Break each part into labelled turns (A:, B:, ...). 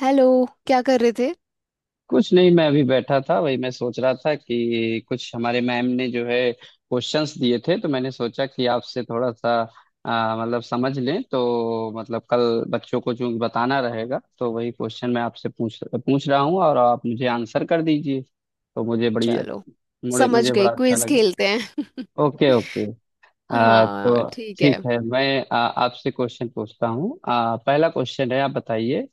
A: Hello. क्या कर रहे थे?
B: कुछ नहीं, मैं अभी बैठा था। वही मैं सोच रहा था कि कुछ हमारे मैम ने जो है क्वेश्चंस दिए थे, तो मैंने सोचा कि आपसे थोड़ा सा मतलब समझ लें, तो मतलब कल बच्चों को जो बताना रहेगा तो वही क्वेश्चन मैं आपसे पूछ पूछ रहा हूँ और आप मुझे आंसर कर दीजिए तो मुझे बड़ी
A: चलो,
B: मुझे
A: समझ
B: मुझे
A: गई,
B: बड़ा अच्छा
A: क्विज
B: लगे।
A: खेलते हैं।
B: Okay okay.
A: हाँ,
B: तो
A: ठीक है।
B: ठीक है, मैं आपसे क्वेश्चन पूछता हूँ। पहला क्वेश्चन है, आप बताइए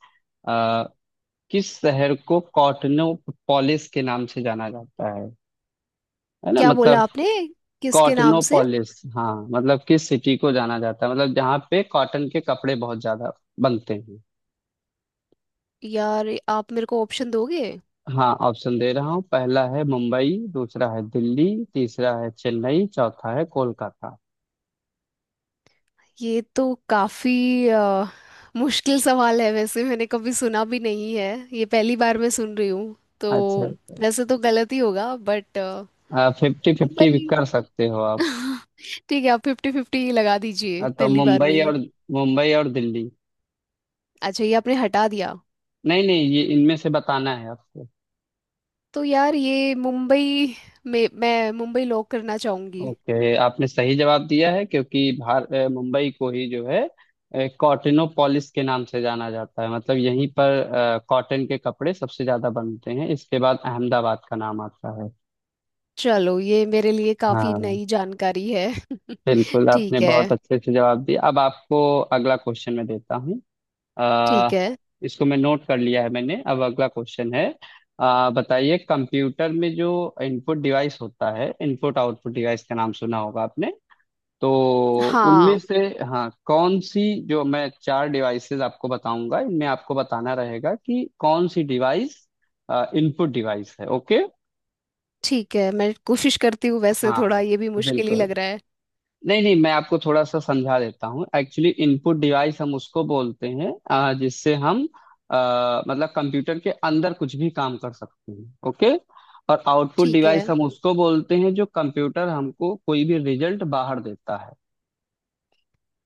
B: किस शहर को कॉटनो पॉलिस के नाम से जाना जाता है ना?
A: क्या
B: मतलब
A: बोला आपने? किसके नाम
B: कॉटनो
A: से?
B: पॉलिस, हाँ, मतलब किस सिटी को जाना जाता है, मतलब जहाँ पे कॉटन के कपड़े बहुत ज्यादा बनते हैं।
A: यार, आप मेरे को ऑप्शन दोगे?
B: हाँ, ऑप्शन दे रहा हूँ। पहला है मुंबई, दूसरा है दिल्ली, तीसरा है चेन्नई, चौथा है कोलकाता।
A: ये तो काफी मुश्किल सवाल है, वैसे मैंने कभी सुना भी नहीं है। ये पहली बार मैं सुन रही हूँ। तो
B: अच्छा,
A: वैसे तो गलत ही होगा, बट
B: अच्छा, फिफ्टी फिफ्टी भी
A: मुंबई।
B: कर सकते हो आप।
A: ठीक है, आप फिफ्टी फिफ्टी लगा दीजिए
B: तो
A: पहली बार में ही।
B: मुंबई और दिल्ली।
A: अच्छा, ये आपने हटा दिया?
B: नहीं नहीं, ये इनमें से बताना है आपको।
A: तो यार ये मुंबई, में मैं मुंबई लॉक करना चाहूंगी।
B: ओके, आपने सही जवाब दिया है, क्योंकि भार मुंबई को ही जो है कॉटनोपोलिस के नाम से जाना जाता है। मतलब यहीं पर कॉटन के कपड़े सबसे ज्यादा बनते हैं। इसके बाद अहमदाबाद का नाम आता है।
A: चलो, ये मेरे लिए काफी
B: हाँ,
A: नई जानकारी है।
B: बिल्कुल, आपने
A: ठीक
B: बहुत
A: है।
B: अच्छे से जवाब दिया। अब आपको अगला क्वेश्चन मैं देता हूँ। अ,
A: ठीक है।
B: इसको मैं नोट कर लिया है मैंने। अब अगला क्वेश्चन है, बताइए कंप्यूटर में जो इनपुट डिवाइस होता है, इनपुट आउटपुट डिवाइस का नाम सुना होगा आपने, तो उनमें
A: हाँ,
B: से हाँ कौन सी। जो मैं चार डिवाइसेस आपको बताऊंगा, इनमें आपको बताना रहेगा कि कौन सी डिवाइस इनपुट डिवाइस है। ओके,
A: ठीक है, मैं कोशिश करती हूँ, वैसे थोड़ा
B: हाँ,
A: ये भी मुश्किल ही
B: बिल्कुल।
A: लग रहा है।
B: नहीं नहीं, मैं आपको थोड़ा सा समझा देता हूँ। एक्चुअली इनपुट डिवाइस हम उसको बोलते हैं जिससे हम मतलब कंप्यूटर के अंदर कुछ भी काम कर सकते हैं। ओके, और आउटपुट
A: ठीक है।
B: डिवाइस हम उसको बोलते हैं जो कंप्यूटर हमको कोई भी रिजल्ट बाहर देता है।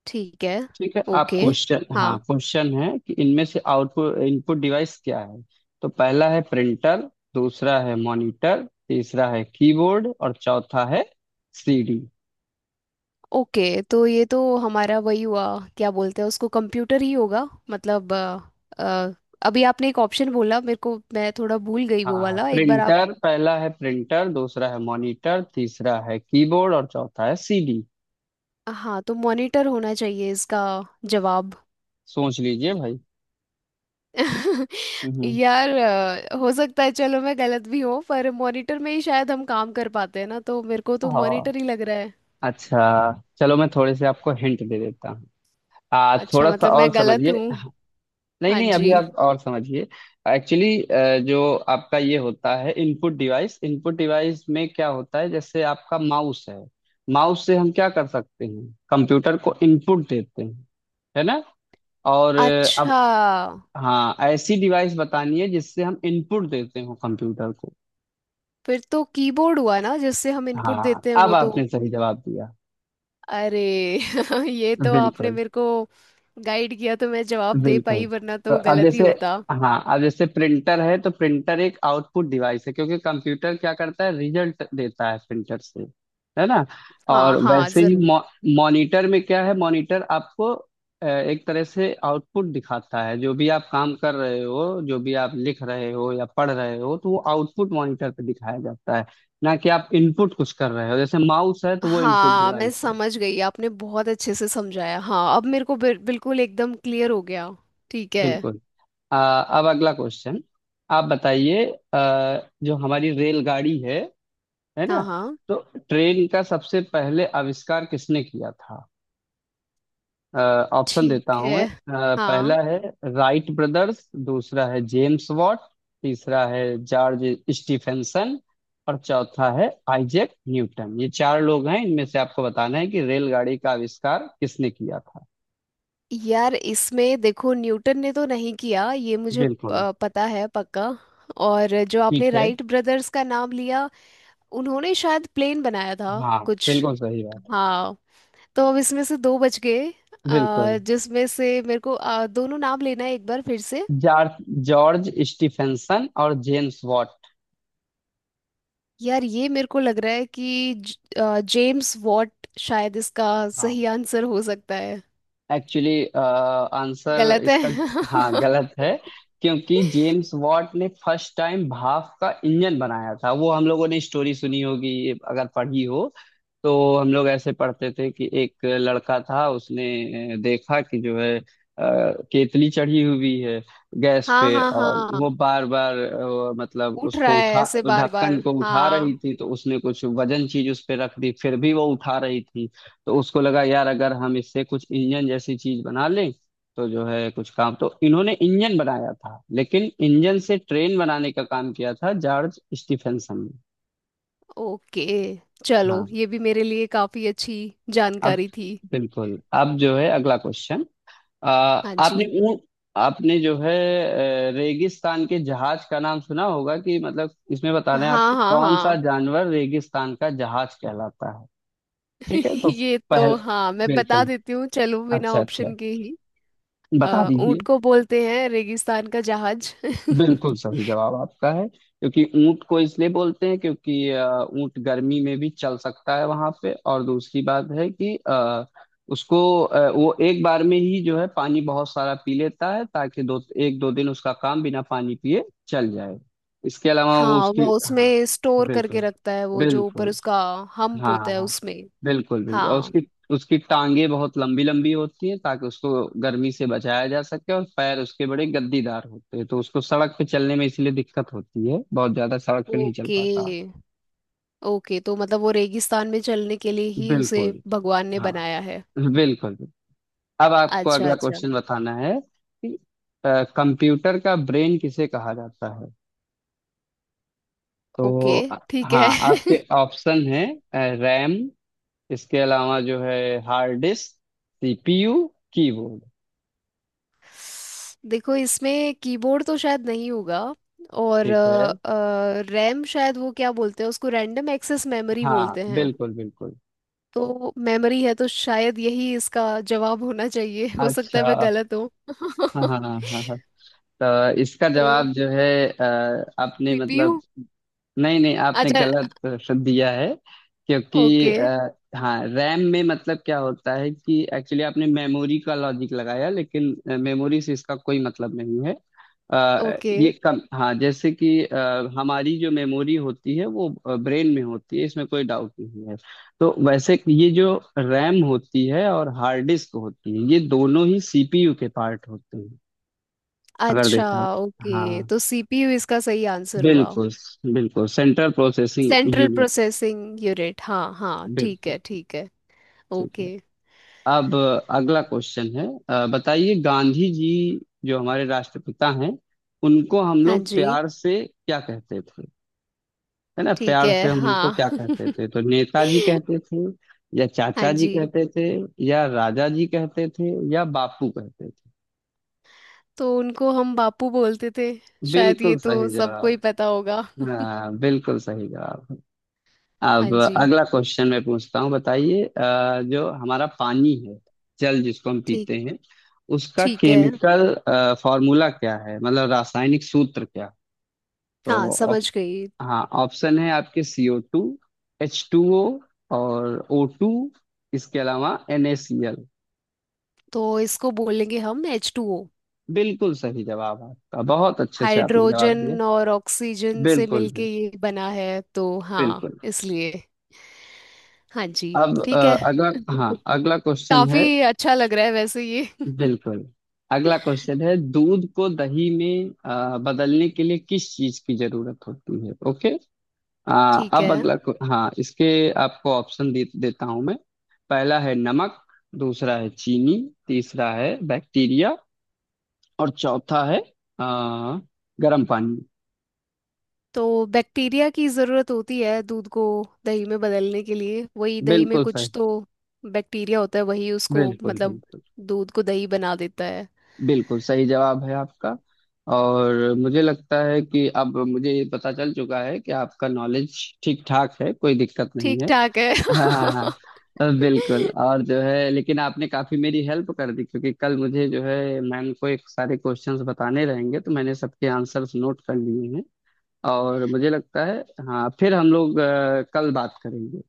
A: ठीक है।
B: ठीक है, आप
A: ओके।
B: क्वेश्चन, हाँ,
A: हाँ।
B: क्वेश्चन है कि इनमें से आउटपुट इनपुट डिवाइस क्या है। तो पहला है प्रिंटर, दूसरा है मॉनिटर, तीसरा है कीबोर्ड और चौथा है सीडी।
A: ओके, तो ये तो हमारा वही हुआ, क्या बोलते हैं उसको, कंप्यूटर ही होगा। मतलब अ, अभी आपने एक ऑप्शन बोला मेरे को, मैं थोड़ा भूल गई, वो
B: हाँ,
A: वाला एक बार आप।
B: प्रिंटर, पहला है प्रिंटर, दूसरा है मॉनिटर, तीसरा है कीबोर्ड और चौथा है सीडी।
A: हाँ, तो मॉनिटर होना चाहिए इसका जवाब।
B: सोच लीजिए भाई। हम्म
A: यार, हो सकता है, चलो मैं गलत भी हूँ, पर मॉनिटर में ही शायद हम काम कर पाते हैं ना, तो मेरे को तो
B: हाँ,
A: मॉनिटर ही लग रहा है।
B: अच्छा, चलो मैं थोड़े से आपको हिंट दे देता हूँ। आ,
A: अच्छा,
B: थोड़ा सा
A: मतलब
B: और
A: मैं गलत
B: समझिए।
A: हूँ?
B: नहीं
A: हाँ
B: नहीं, अभी
A: जी।
B: आप और समझिए। एक्चुअली जो आपका ये होता है इनपुट डिवाइस, इनपुट डिवाइस में क्या होता है, जैसे आपका माउस है। माउस से हम क्या कर सकते हैं, कंप्यूटर को इनपुट देते हैं, है ना। और
A: अच्छा।
B: अब हाँ, ऐसी डिवाइस बतानी है जिससे हम इनपुट देते हो कंप्यूटर को।
A: फिर तो कीबोर्ड हुआ ना, जिससे हम इनपुट
B: हाँ,
A: देते हैं,
B: अब
A: वो तो।
B: आपने सही जवाब दिया।
A: अरे। ये तो आपने
B: बिल्कुल
A: मेरे को गाइड किया तो मैं जवाब दे
B: बिल्कुल।
A: पाई, वरना
B: तो
A: तो
B: अब
A: गलत ही
B: जैसे
A: होता।
B: हाँ, अब जैसे प्रिंटर है, तो प्रिंटर एक आउटपुट डिवाइस है, क्योंकि कंप्यूटर क्या करता है, रिजल्ट देता है प्रिंटर से, है ना।
A: हाँ
B: और
A: हाँ,
B: वैसे ही
A: जरूर।
B: मॉनिटर में क्या है, मॉनिटर आपको एक तरह से आउटपुट दिखाता है। जो भी आप काम कर रहे हो, जो भी आप लिख रहे हो या पढ़ रहे हो, तो वो आउटपुट मॉनिटर पे दिखाया जाता है, ना कि आप इनपुट कुछ कर रहे हो। जैसे माउस है, तो वो इनपुट
A: हाँ, मैं
B: डिवाइस है।
A: समझ गई, आपने बहुत अच्छे से समझाया। हाँ, अब मेरे को बिल्कुल एकदम क्लियर हो गया। ठीक है।
B: बिल्कुल, अब अगला क्वेश्चन आप बताइए। आ, जो हमारी रेलगाड़ी है ना,
A: हाँ हाँ।
B: तो ट्रेन का सबसे पहले आविष्कार किसने किया था। अ, ऑप्शन देता
A: ठीक
B: हूं मैं।
A: है।
B: पहला
A: हाँ।
B: है राइट ब्रदर्स, दूसरा है जेम्स वॉट, तीसरा है जॉर्ज स्टीफेंसन और चौथा है आइजैक न्यूटन। ये चार लोग हैं, इनमें से आपको बताना है कि रेलगाड़ी का आविष्कार किसने किया था।
A: यार, इसमें देखो न्यूटन ने तो नहीं किया ये मुझे
B: बिल्कुल।
A: पता है पक्का। और जो आपने
B: ठीक है।
A: राइट ब्रदर्स का नाम लिया, उन्होंने शायद प्लेन बनाया था
B: हाँ,
A: कुछ।
B: बिल्कुल सही बात।
A: हाँ। तो अब इसमें से दो बच गए,
B: बिल्कुल।
A: जिसमें से मेरे को दोनों नाम लेना है एक बार फिर से।
B: जॉर्ज जॉर्ज स्टीफेंसन और जेम्स वॉट।
A: यार, ये मेरे को लग रहा है कि जेम्स वॉट शायद इसका
B: हाँ,
A: सही आंसर हो सकता है।
B: एक्चुअली आंसर
A: गलत है।
B: इसका, हाँ, गलत है, क्योंकि जेम्स वॉट ने फर्स्ट टाइम भाप का इंजन बनाया था। वो हम लोगों ने स्टोरी सुनी होगी, अगर पढ़ी हो तो। हम लोग ऐसे पढ़ते थे कि एक लड़का था, उसने देखा कि जो है केतली चढ़ी हुई है गैस
A: हाँ
B: पे,
A: हाँ
B: और
A: हाँ।
B: वो बार बार मतलब
A: उठ रहा
B: उसको
A: है
B: उठा
A: ऐसे बार
B: ढक्कन
A: बार।
B: को उठा रही
A: हाँ।
B: थी। तो उसने कुछ वजन चीज उस पे रख दी, फिर भी वो उठा रही थी। तो उसको लगा यार, अगर हम इससे कुछ इंजन जैसी चीज बना लें, तो जो है कुछ काम। तो इन्होंने इंजन बनाया था, लेकिन इंजन से ट्रेन बनाने का काम किया था जॉर्ज स्टीफेंसन ने।
A: ओके, चलो
B: हाँ,
A: ये भी मेरे लिए काफी अच्छी
B: अब
A: जानकारी थी।
B: बिल्कुल, अब जो है अगला क्वेश्चन, आ,
A: हाँ
B: आपने
A: जी।
B: ऊँट, आपने जो है रेगिस्तान के जहाज का नाम सुना होगा कि, मतलब इसमें बताना है
A: हाँ
B: आपको
A: हाँ
B: कौन सा
A: हाँ।
B: जानवर रेगिस्तान का जहाज कहलाता है। ठीक है तो
A: ये तो
B: पहल,
A: हाँ, मैं बता
B: बिल्कुल,
A: देती हूँ, चलो बिना
B: अच्छा अच्छा,
A: ऑप्शन के ही।
B: बता
A: ऊंट
B: दीजिए।
A: को बोलते हैं रेगिस्तान का जहाज।
B: बिल्कुल सही जवाब आपका है, क्योंकि ऊंट को इसलिए बोलते हैं, क्योंकि ऊंट गर्मी में भी चल सकता है वहां पे। और दूसरी बात है कि उसको वो एक बार में ही जो है पानी बहुत सारा पी लेता है, ताकि दो, एक दो दिन उसका काम बिना पानी पिए चल जाए। इसके अलावा वो
A: हाँ,
B: उसकी,
A: वो
B: हाँ,
A: उसमें स्टोर करके
B: बिल्कुल
A: रखता है, वो जो ऊपर
B: बिल्कुल।
A: उसका हम्प
B: हाँ हाँ
A: होता है
B: हाँ,
A: उसमें।
B: बिल्कुल बिल्कुल, और
A: हाँ।
B: उसकी, उसकी टांगे बहुत लंबी लंबी होती हैं, ताकि उसको गर्मी से बचाया जा सके। और पैर उसके बड़े गद्दीदार होते हैं, तो उसको सड़क पे चलने में इसलिए दिक्कत होती है, बहुत ज्यादा सड़क पे नहीं चल
A: ओके।
B: पाता।
A: ओके, तो मतलब वो रेगिस्तान में चलने के लिए ही उसे
B: बिल्कुल,
A: भगवान ने
B: हाँ,
A: बनाया है।
B: बिल्कुल, अब आपको
A: अच्छा
B: अगला
A: अच्छा।
B: क्वेश्चन बताना है कि कंप्यूटर का ब्रेन किसे कहा जाता है।
A: ओके,
B: तो
A: ठीक
B: हाँ,
A: है।
B: आपके ऑप्शन है रैम, इसके अलावा जो है हार्ड डिस्क, सीपीयू, कीबोर्ड।
A: देखो, इसमें कीबोर्ड तो शायद नहीं होगा। और
B: ठीक है,
A: रैम, शायद वो क्या बोलते हैं उसको, रैंडम एक्सेस मेमोरी
B: हाँ,
A: बोलते हैं,
B: बिल्कुल बिल्कुल।
A: तो मेमोरी है तो शायद यही इसका जवाब होना चाहिए। हो सकता है
B: अच्छा,
A: मैं गलत हूँ।
B: हाँ हाँ हाँ हाँ हाँ। तो इसका
A: तो
B: जवाब जो है आपने
A: सीपीयू।
B: मतलब, नहीं नहीं, आपने
A: अच्छा।
B: गलत दिया है, क्योंकि
A: ओके।
B: हाँ, रैम में मतलब क्या होता है कि एक्चुअली आपने मेमोरी का लॉजिक लगाया, लेकिन मेमोरी से इसका कोई मतलब नहीं है।
A: ओके।
B: ये कम, हाँ जैसे कि हमारी जो मेमोरी होती है वो ब्रेन में होती है, इसमें कोई डाउट नहीं है। तो वैसे ये जो रैम होती है और हार्ड डिस्क होती है, ये दोनों ही सीपीयू के पार्ट होते हैं, अगर
A: अच्छा।
B: देखा।
A: ओके,
B: हाँ,
A: तो सीपीयू इसका सही आंसर हुआ।
B: बिल्कुल, बिल्कुल central processing
A: central
B: unit.
A: Processing unit, हाँ हाँ, ठीक
B: बिल्कुल,
A: है, ठीक है।
B: ठीक है,
A: ओके।
B: अब अगला क्वेश्चन है, बताइए गांधी जी जो हमारे राष्ट्रपिता हैं, उनको हम
A: हाँ
B: लोग
A: जी।
B: प्यार से क्या कहते थे, है ना,
A: ठीक
B: प्यार
A: है।
B: से हम उनको
A: हाँ।
B: क्या कहते थे। तो नेताजी कहते थे, या
A: हाँ
B: चाचा जी
A: जी।
B: कहते थे, या राजा जी कहते थे, या बापू कहते थे।
A: तो उनको हम बापू बोलते थे, शायद ये
B: बिल्कुल
A: तो
B: सही
A: सबको
B: जवाब,
A: ही पता होगा।
B: हाँ, बिल्कुल सही जवाब।
A: हाँ
B: अब
A: जी।
B: अगला क्वेश्चन मैं पूछता हूँ, बताइए जो हमारा पानी है, जल जिसको हम
A: ठीक।
B: पीते हैं, उसका
A: ठीक है।
B: केमिकल फॉर्मूला क्या है, मतलब रासायनिक सूत्र क्या है?
A: हाँ,
B: तो
A: समझ गई।
B: हाँ, ऑप्शन है आपके, CO two, H two O, और ओ टू, इसके अलावा NaCl।
A: तो इसको बोलेंगे हम H2O।
B: बिल्कुल सही जवाब आपका, बहुत अच्छे से आपने जवाब दिया।
A: हाइड्रोजन और ऑक्सीजन से
B: बिल्कुल बिल्कुल
A: मिलके ये बना है, तो हाँ,
B: बिल्कुल।
A: इसलिए। हाँ जी।
B: अब
A: ठीक है।
B: अगला, हाँ, अगला क्वेश्चन है,
A: काफी अच्छा लग रहा है वैसे ये।
B: बिल्कुल, अगला क्वेश्चन है दूध को दही में बदलने के लिए किस चीज की जरूरत होती है। ओके,
A: ठीक
B: अब
A: है।
B: हाँ, इसके आपको देता हूं मैं। पहला है नमक, दूसरा है चीनी, तीसरा है बैक्टीरिया, और चौथा है आ, गर्म पानी।
A: तो बैक्टीरिया की ज़रूरत होती है दूध को दही में बदलने के लिए, वही दही में
B: बिल्कुल सही,
A: कुछ तो बैक्टीरिया होता है, वही उसको
B: बिल्कुल
A: मतलब
B: बिल्कुल,
A: दूध को दही बना देता है।
B: बिल्कुल सही जवाब है आपका। और मुझे लगता है कि अब मुझे पता चल चुका है कि आपका नॉलेज ठीक ठाक है, कोई दिक्कत नहीं
A: ठीक
B: है।
A: ठाक है।
B: हाँ हाँ हाँ, बिल्कुल, और जो है लेकिन आपने काफी मेरी हेल्प कर दी, क्योंकि कल मुझे जो है मैम को एक सारे क्वेश्चंस बताने रहेंगे, तो मैंने सबके आंसर्स नोट कर लिए हैं। और मुझे लगता है, हाँ, फिर हम लोग कल बात करेंगे।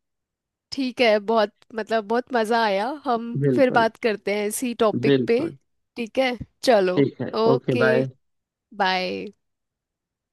A: ठीक है, बहुत मतलब बहुत मज़ा आया, हम फिर
B: बिल्कुल
A: बात करते हैं इसी टॉपिक पे।
B: बिल्कुल,
A: ठीक है। चलो।
B: ठीक है, ओके
A: ओके,
B: बाय।
A: बाय।